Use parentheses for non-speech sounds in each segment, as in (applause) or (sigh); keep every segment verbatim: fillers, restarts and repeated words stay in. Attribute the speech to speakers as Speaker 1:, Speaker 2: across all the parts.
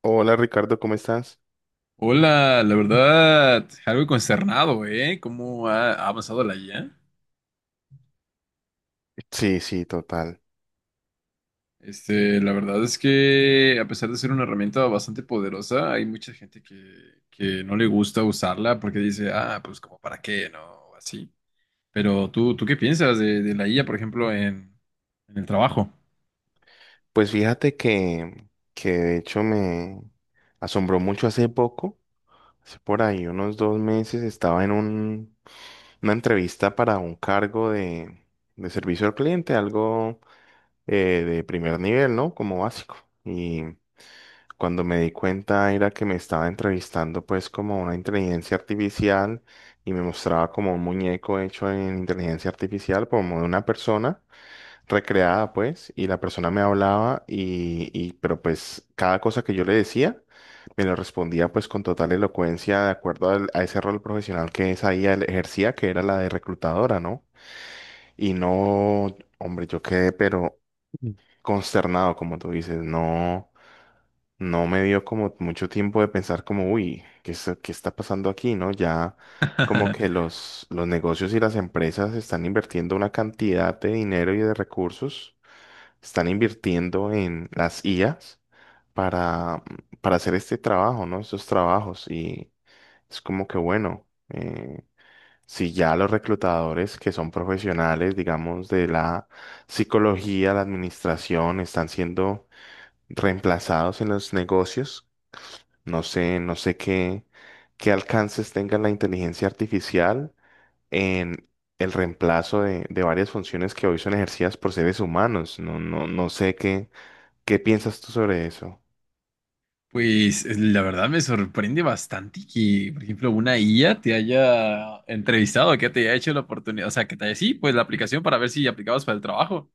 Speaker 1: Hola Ricardo, ¿cómo estás?
Speaker 2: Hola, la verdad, algo consternado, ¿eh? ¿Cómo ha ha avanzado la I A?
Speaker 1: Sí, sí, total.
Speaker 2: Este, la verdad es que a pesar de ser una herramienta bastante poderosa, hay mucha gente que, que no le gusta usarla porque dice, ah, pues como para qué, ¿no? O así. Pero tú, ¿tú qué piensas de, de la I A, por ejemplo, en, en el trabajo?
Speaker 1: Pues fíjate que, que de hecho me asombró mucho hace poco, hace por ahí unos dos meses, estaba en un- una entrevista para un cargo de, de servicio al cliente, algo eh, de primer nivel, ¿no? Como básico. Y cuando me di cuenta era que me estaba entrevistando pues como una inteligencia artificial y me mostraba como un muñeco hecho en inteligencia artificial, como de una persona recreada, pues, y la persona me hablaba y, y- pero pues cada cosa que yo le decía, me lo respondía pues con total elocuencia de acuerdo al- a ese rol profesional que esa I A le ejercía, que era la de reclutadora, ¿no? Y no, hombre, yo quedé pero consternado, como tú dices, no, no me dio como mucho tiempo de pensar como, uy, ¿qué, es- qué está pasando aquí, ¿no? Ya como que
Speaker 2: (laughs)
Speaker 1: los, los negocios y las empresas están invirtiendo una cantidad de dinero y de recursos están invirtiendo en las I As para, para hacer este trabajo, ¿no? Estos trabajos. Y es como que, bueno, eh, si ya los reclutadores que son profesionales, digamos, de la psicología, la administración, están siendo reemplazados en los negocios, no sé, no sé qué, qué alcances tenga la inteligencia artificial en el reemplazo de, de varias funciones que hoy son ejercidas por seres humanos. No, no, no sé qué, ¿Qué piensas tú sobre eso?
Speaker 2: Pues eh, la verdad me sorprende bastante que, por ejemplo, una I A te haya entrevistado, que te haya hecho la oportunidad, o sea, que te haya, sí, pues la aplicación para ver si aplicabas para el trabajo.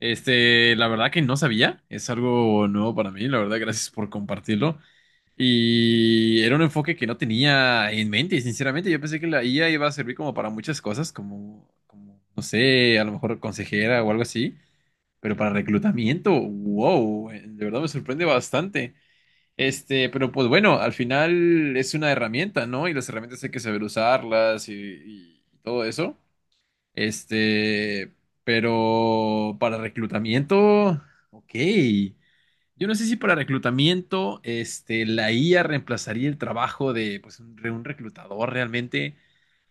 Speaker 2: Este, la verdad que no sabía, es algo nuevo para mí, la verdad, gracias por compartirlo. Y era un enfoque que no tenía en mente, sinceramente, yo pensé que la I A iba a servir como para muchas cosas, como, como, no sé, a lo mejor consejera o algo así, pero para reclutamiento, wow, eh, de verdad me sorprende bastante. Este, pero pues bueno, al final es una herramienta, ¿no? Y las herramientas hay que saber usarlas y, y todo eso. Este, pero para reclutamiento, ok. Yo no sé si para reclutamiento, este, la I A reemplazaría el trabajo de, pues, un, de un reclutador realmente,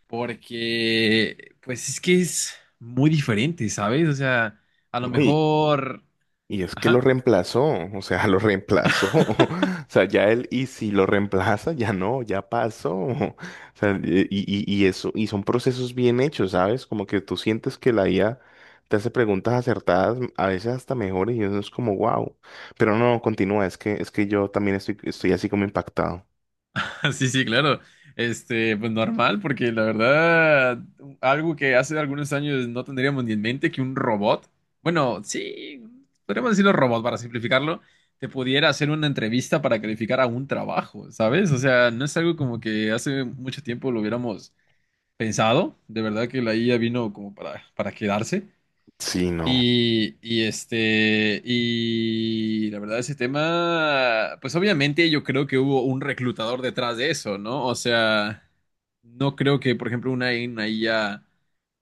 Speaker 2: porque, pues, es que es muy diferente, ¿sabes? O sea, a lo
Speaker 1: Uy,
Speaker 2: mejor,
Speaker 1: y es que lo
Speaker 2: ajá.
Speaker 1: reemplazó, o sea, lo reemplazó. (laughs) O sea, ya él, y si lo reemplaza, ya no, ya pasó. O sea, y, y, y eso, y son procesos bien hechos, ¿sabes? Como que tú sientes que la I A te hace preguntas acertadas, a veces hasta mejores, y uno es como, wow. Pero no, continúa, es que, es que yo también estoy, estoy así como impactado.
Speaker 2: (laughs) Sí, sí, claro. Este, pues normal, porque la verdad, algo que hace algunos años no tendríamos ni en mente que un robot, bueno, sí, podríamos decirlo robot para simplificarlo, te pudiera hacer una entrevista para calificar a un trabajo, ¿sabes? O sea, no es algo como que hace mucho tiempo lo hubiéramos pensado. De verdad que la I A vino como para, para quedarse.
Speaker 1: Sí, no.
Speaker 2: Y, y este, y la verdad, ese tema, pues obviamente yo creo que hubo un reclutador detrás de eso, ¿no? O sea, no creo que, por ejemplo, una una I A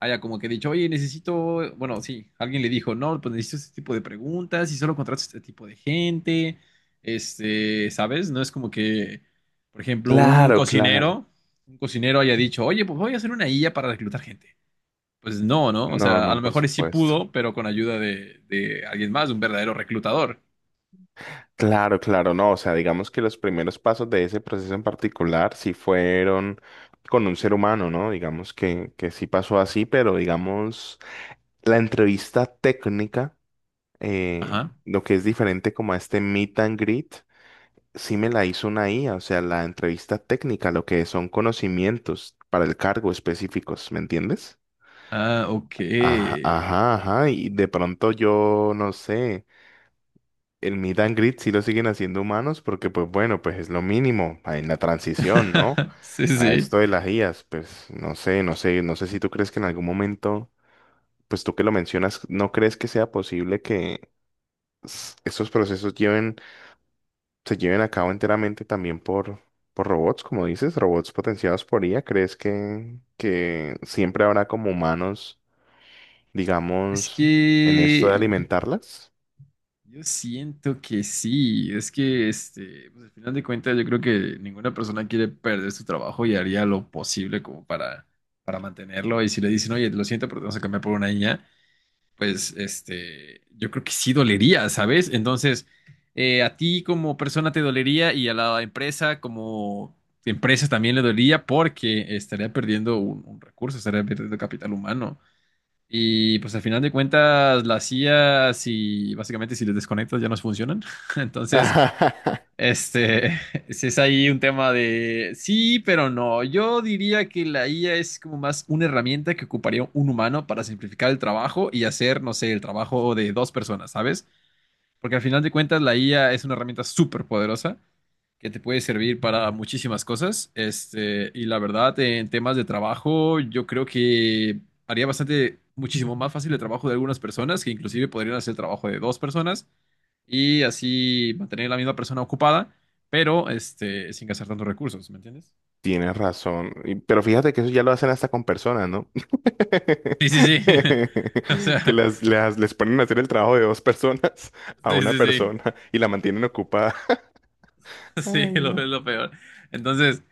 Speaker 2: haya como que dicho, oye, necesito, bueno, sí, alguien le dijo, no, pues necesito este tipo de preguntas y solo contrato este tipo de gente, este, ¿sabes? No es como que, por ejemplo, un
Speaker 1: Claro, claro.
Speaker 2: cocinero, un cocinero haya dicho, oye, pues voy a hacer una I A para reclutar gente. Pues no, ¿no? O
Speaker 1: No,
Speaker 2: sea, a
Speaker 1: no,
Speaker 2: lo
Speaker 1: por
Speaker 2: mejor sí
Speaker 1: supuesto.
Speaker 2: pudo, pero con ayuda de, de alguien más, de un verdadero reclutador.
Speaker 1: Claro, claro, no, o sea, digamos que los primeros pasos de ese proceso en particular sí fueron con un ser humano, ¿no? Digamos que, que sí pasó así, pero digamos, la entrevista técnica, eh,
Speaker 2: Ajá.
Speaker 1: lo que es diferente como a este meet and greet, sí me la hizo una I A, o sea, la entrevista técnica, lo que son conocimientos para el cargo específicos, ¿me entiendes?
Speaker 2: Ah, ok.
Speaker 1: Ajá, ajá, ajá, y de pronto yo no sé. El meet and greet sí lo siguen haciendo humanos porque, pues bueno, pues es lo mínimo en la transición, ¿no?
Speaker 2: (laughs) Sí,
Speaker 1: A
Speaker 2: sí.
Speaker 1: esto de las I As, pues no sé, no sé, no sé si tú crees que en algún momento, pues tú que lo mencionas, ¿no crees que sea posible que s- estos procesos lleven, se lleven a cabo enteramente también por, por robots, como dices, robots potenciados por I A? ¿Crees que, que siempre habrá como humanos,
Speaker 2: Es
Speaker 1: digamos, en esto de
Speaker 2: que
Speaker 1: alimentarlas?
Speaker 2: yo siento que sí. Es que, este, pues al final de cuentas, yo creo que ninguna persona quiere perder su trabajo y haría lo posible como para, para mantenerlo. Y si le dicen, oye, lo siento, pero te vamos a cambiar por una niña, pues este, yo creo que sí dolería, ¿sabes? Entonces, eh, a ti como persona te dolería y a la empresa como empresa también le dolería porque estaría perdiendo un, un recurso, estaría perdiendo capital humano. Y pues al final de cuentas, las I A, si básicamente si les desconectas ya no funcionan. (laughs) Entonces,
Speaker 1: (laughs)
Speaker 2: este, (laughs) si es ahí un tema de sí, pero no. Yo diría que la I A es como más una herramienta que ocuparía un humano para simplificar el trabajo y hacer, no sé, el trabajo de dos personas, ¿sabes? Porque al final de cuentas la I A es una herramienta súper poderosa que te puede servir para muchísimas cosas. Este, y la verdad, en temas de trabajo, yo creo que haría bastante, muchísimo más fácil el trabajo de algunas personas que inclusive podrían hacer el trabajo de dos personas y así mantener a la misma persona ocupada, pero este, sin gastar tantos recursos, ¿me entiendes?
Speaker 1: Tienes razón. Y- Pero fíjate que eso ya lo hacen hasta con personas, ¿no?
Speaker 2: Sí, sí, sí. (laughs) O
Speaker 1: (laughs) Que
Speaker 2: sea,
Speaker 1: las, las- les ponen a hacer el trabajo de dos personas (laughs) a
Speaker 2: sí,
Speaker 1: una
Speaker 2: sí, sí.
Speaker 1: persona
Speaker 2: (laughs)
Speaker 1: y la mantienen ocupada.
Speaker 2: Sí,
Speaker 1: Ay,
Speaker 2: lo
Speaker 1: no.
Speaker 2: es lo peor. Entonces,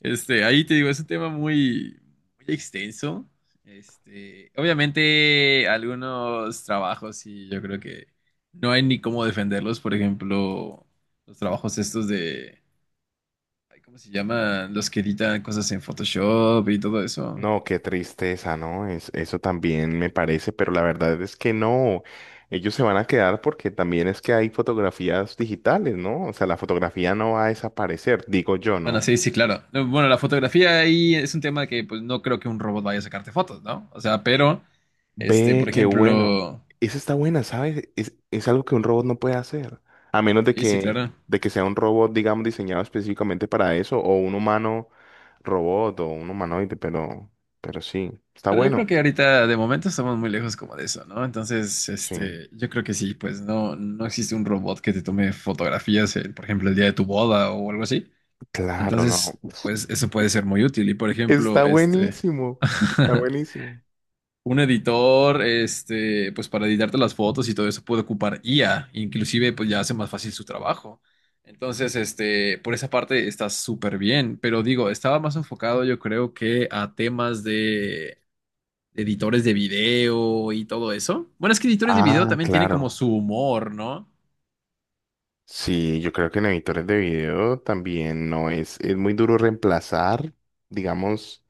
Speaker 2: este, ahí te digo, es un tema muy, muy extenso. Este, obviamente, algunos trabajos sí, yo creo que no hay ni cómo defenderlos. Por ejemplo, los trabajos estos de, ay, ¿cómo se llaman? Los que editan cosas en Photoshop y todo eso.
Speaker 1: No, qué tristeza, ¿no? Es- eso también me parece, pero la verdad es que no. Ellos se van a quedar porque también es que hay fotografías digitales, ¿no? O sea, la fotografía no va a desaparecer, digo yo,
Speaker 2: Bueno,
Speaker 1: ¿no?
Speaker 2: sí, sí, claro. No, bueno, la fotografía ahí es un tema que pues no creo que un robot vaya a sacarte fotos, ¿no? O sea, pero, este,
Speaker 1: Ve,
Speaker 2: por
Speaker 1: qué bueno.
Speaker 2: ejemplo,
Speaker 1: Esa está buena, ¿sabes? Es, es algo que un robot no puede hacer. A menos de
Speaker 2: sí, sí,
Speaker 1: que,
Speaker 2: claro.
Speaker 1: de que sea un robot, digamos, diseñado específicamente para eso, o un humano robot, o un humanoide, pero, pero sí, está
Speaker 2: Pero yo creo
Speaker 1: bueno.
Speaker 2: que ahorita de momento estamos muy lejos como de eso, ¿no? Entonces,
Speaker 1: Sí,
Speaker 2: este, yo creo que sí, pues no, no existe un robot que te tome fotografías, eh, por ejemplo, el día de tu boda o algo así.
Speaker 1: claro, no.
Speaker 2: Entonces, pues eso puede ser muy útil. Y por
Speaker 1: Está
Speaker 2: ejemplo, este,
Speaker 1: buenísimo. Está
Speaker 2: (laughs)
Speaker 1: buenísimo.
Speaker 2: un editor, este, pues para editarte las fotos y todo eso puede ocupar I A, inclusive pues ya hace más fácil su trabajo. Entonces, este, por esa parte está súper bien, pero digo, estaba más enfocado yo creo que a temas de editores de video y todo eso. Bueno, es que editores de video
Speaker 1: Ah,
Speaker 2: también tienen como
Speaker 1: claro.
Speaker 2: su humor, ¿no?
Speaker 1: Sí, yo creo que en editores de video también no es, es muy duro reemplazar, digamos.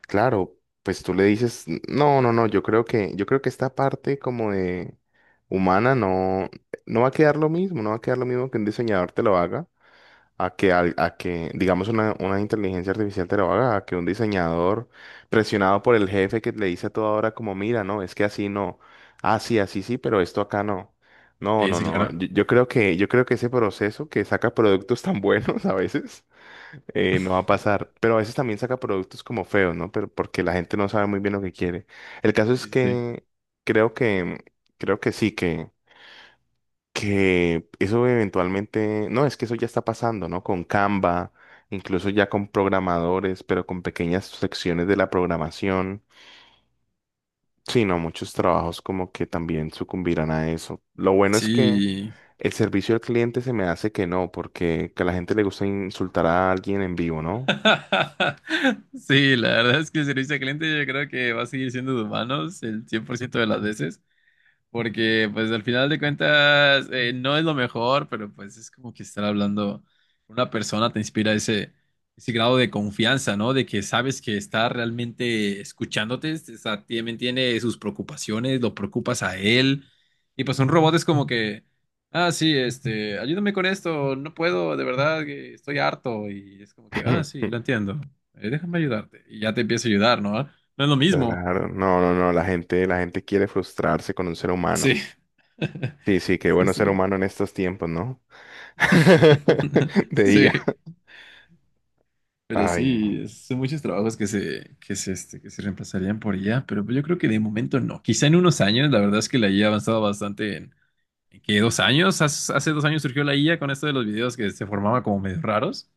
Speaker 1: Claro, pues tú le dices, no, no, no, yo creo que, yo creo que esta parte como de humana no, no va a quedar lo mismo, no va a quedar lo mismo que un diseñador te lo haga, a que, al- a que digamos una, una inteligencia artificial te lo haga, a que un diseñador presionado por el jefe que le dice a toda hora como, mira, no, es que así no, así así sí, pero esto acá no. No,
Speaker 2: Sí,
Speaker 1: no,
Speaker 2: sí,
Speaker 1: no,
Speaker 2: claro.
Speaker 1: yo, yo creo que, yo creo que ese proceso que saca productos tan (laughs) buenos a veces eh, no va a pasar. Pero a veces también saca productos como feos, ¿no? Pero porque la gente no sabe muy bien lo que quiere. El caso
Speaker 2: Sí,
Speaker 1: es
Speaker 2: sí, sí.
Speaker 1: que creo que, creo que sí, que, que eso eventualmente, no, es que eso ya está pasando, ¿no? Con Canva, incluso ya con programadores, pero con pequeñas secciones de la programación. Sí, no, muchos trabajos como que también sucumbirán a eso. Lo bueno es que
Speaker 2: Sí.
Speaker 1: el servicio al cliente se me hace que no, porque que a la gente le gusta insultar a alguien en vivo, ¿no?
Speaker 2: (laughs) Sí, la verdad es que el servicio al cliente yo creo que va a seguir siendo de humanos el cien por ciento de las veces. Porque, pues, al final de cuentas, eh, no es lo mejor, pero pues es como que estar hablando con una persona te inspira ese, ese grado de confianza, ¿no? De que sabes que está realmente escuchándote, o sea, también tiene sus preocupaciones, lo preocupas a él. Y pues un robot es como que, ah, sí, este, ayúdame con esto, no puedo, de verdad, que estoy harto. Y es como que, ah, sí, lo
Speaker 1: (laughs)
Speaker 2: entiendo, eh, déjame ayudarte. Y ya te empieza a ayudar, ¿no? No es lo mismo.
Speaker 1: Claro, no, no, no, la gente, la gente quiere frustrarse con un ser humano.
Speaker 2: Sí. (laughs)
Speaker 1: Sí, sí, qué
Speaker 2: Sí,
Speaker 1: bueno ser
Speaker 2: sí.
Speaker 1: humano en estos tiempos, ¿no? (laughs)
Speaker 2: (laughs)
Speaker 1: De I A.
Speaker 2: Sí, pero
Speaker 1: Ay, no,
Speaker 2: sí, es- son muchos trabajos que se, que se, este, que se reemplazarían por I A, pero pues yo creo que de momento no. Quizá en unos años, la verdad es que la I A ha avanzado bastante en, ¿en qué, dos años? Hace, hace dos años surgió la I A con esto de los videos que se formaba como medio raros.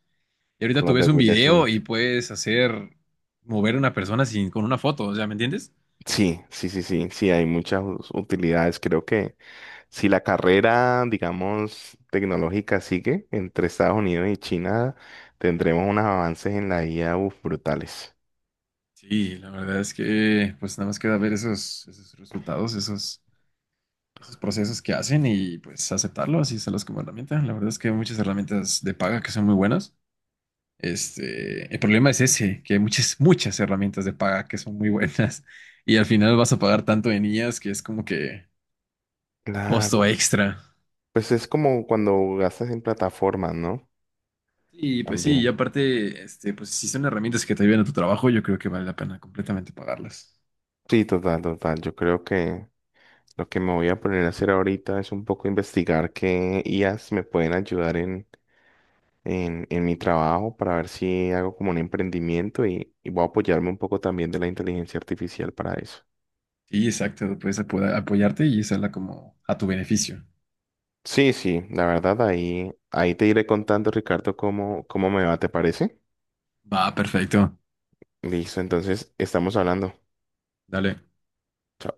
Speaker 2: Y ahorita
Speaker 1: con
Speaker 2: tú
Speaker 1: los de
Speaker 2: ves un
Speaker 1: Will
Speaker 2: video
Speaker 1: Smith.
Speaker 2: y puedes hacer mover a una persona sin, con una foto, o sea, ¿me entiendes?
Speaker 1: Sí, sí, sí, sí, sí, hay muchas us- utilidades. Creo que si la carrera, digamos, tecnológica sigue entre Estados Unidos y China, tendremos unos avances en la I A, uf, brutales.
Speaker 2: Sí, la verdad es que pues nada más queda ver esos, esos resultados, esos. esos procesos que hacen y pues aceptarlo, así usarlos como herramienta. La verdad es que hay muchas herramientas de paga que son muy buenas. Este, el problema es ese, que hay muchas, muchas herramientas de paga que son muy buenas (laughs) y al final vas a pagar tanto en ellas que es como que un costo
Speaker 1: Claro,
Speaker 2: extra.
Speaker 1: pues es como cuando gastas en plataformas, ¿no?
Speaker 2: Y pues sí, y
Speaker 1: También.
Speaker 2: aparte, este, pues si son herramientas que te ayudan a tu trabajo, yo creo que vale la pena completamente pagarlas.
Speaker 1: Sí, total, total. Yo creo que lo que me voy a poner a hacer ahorita es un poco investigar qué I As me pueden ayudar en, en, en mi trabajo para ver si hago como un emprendimiento y, y voy a apoyarme un poco también de la inteligencia artificial para eso.
Speaker 2: Sí, exacto, puedes apo- apoyarte y usarla como a tu beneficio.
Speaker 1: Sí, sí, la verdad ahí, ahí te iré contando, Ricardo, cómo, cómo me va, ¿te parece?
Speaker 2: Va, perfecto.
Speaker 1: Listo, entonces estamos hablando.
Speaker 2: Dale.
Speaker 1: Chao.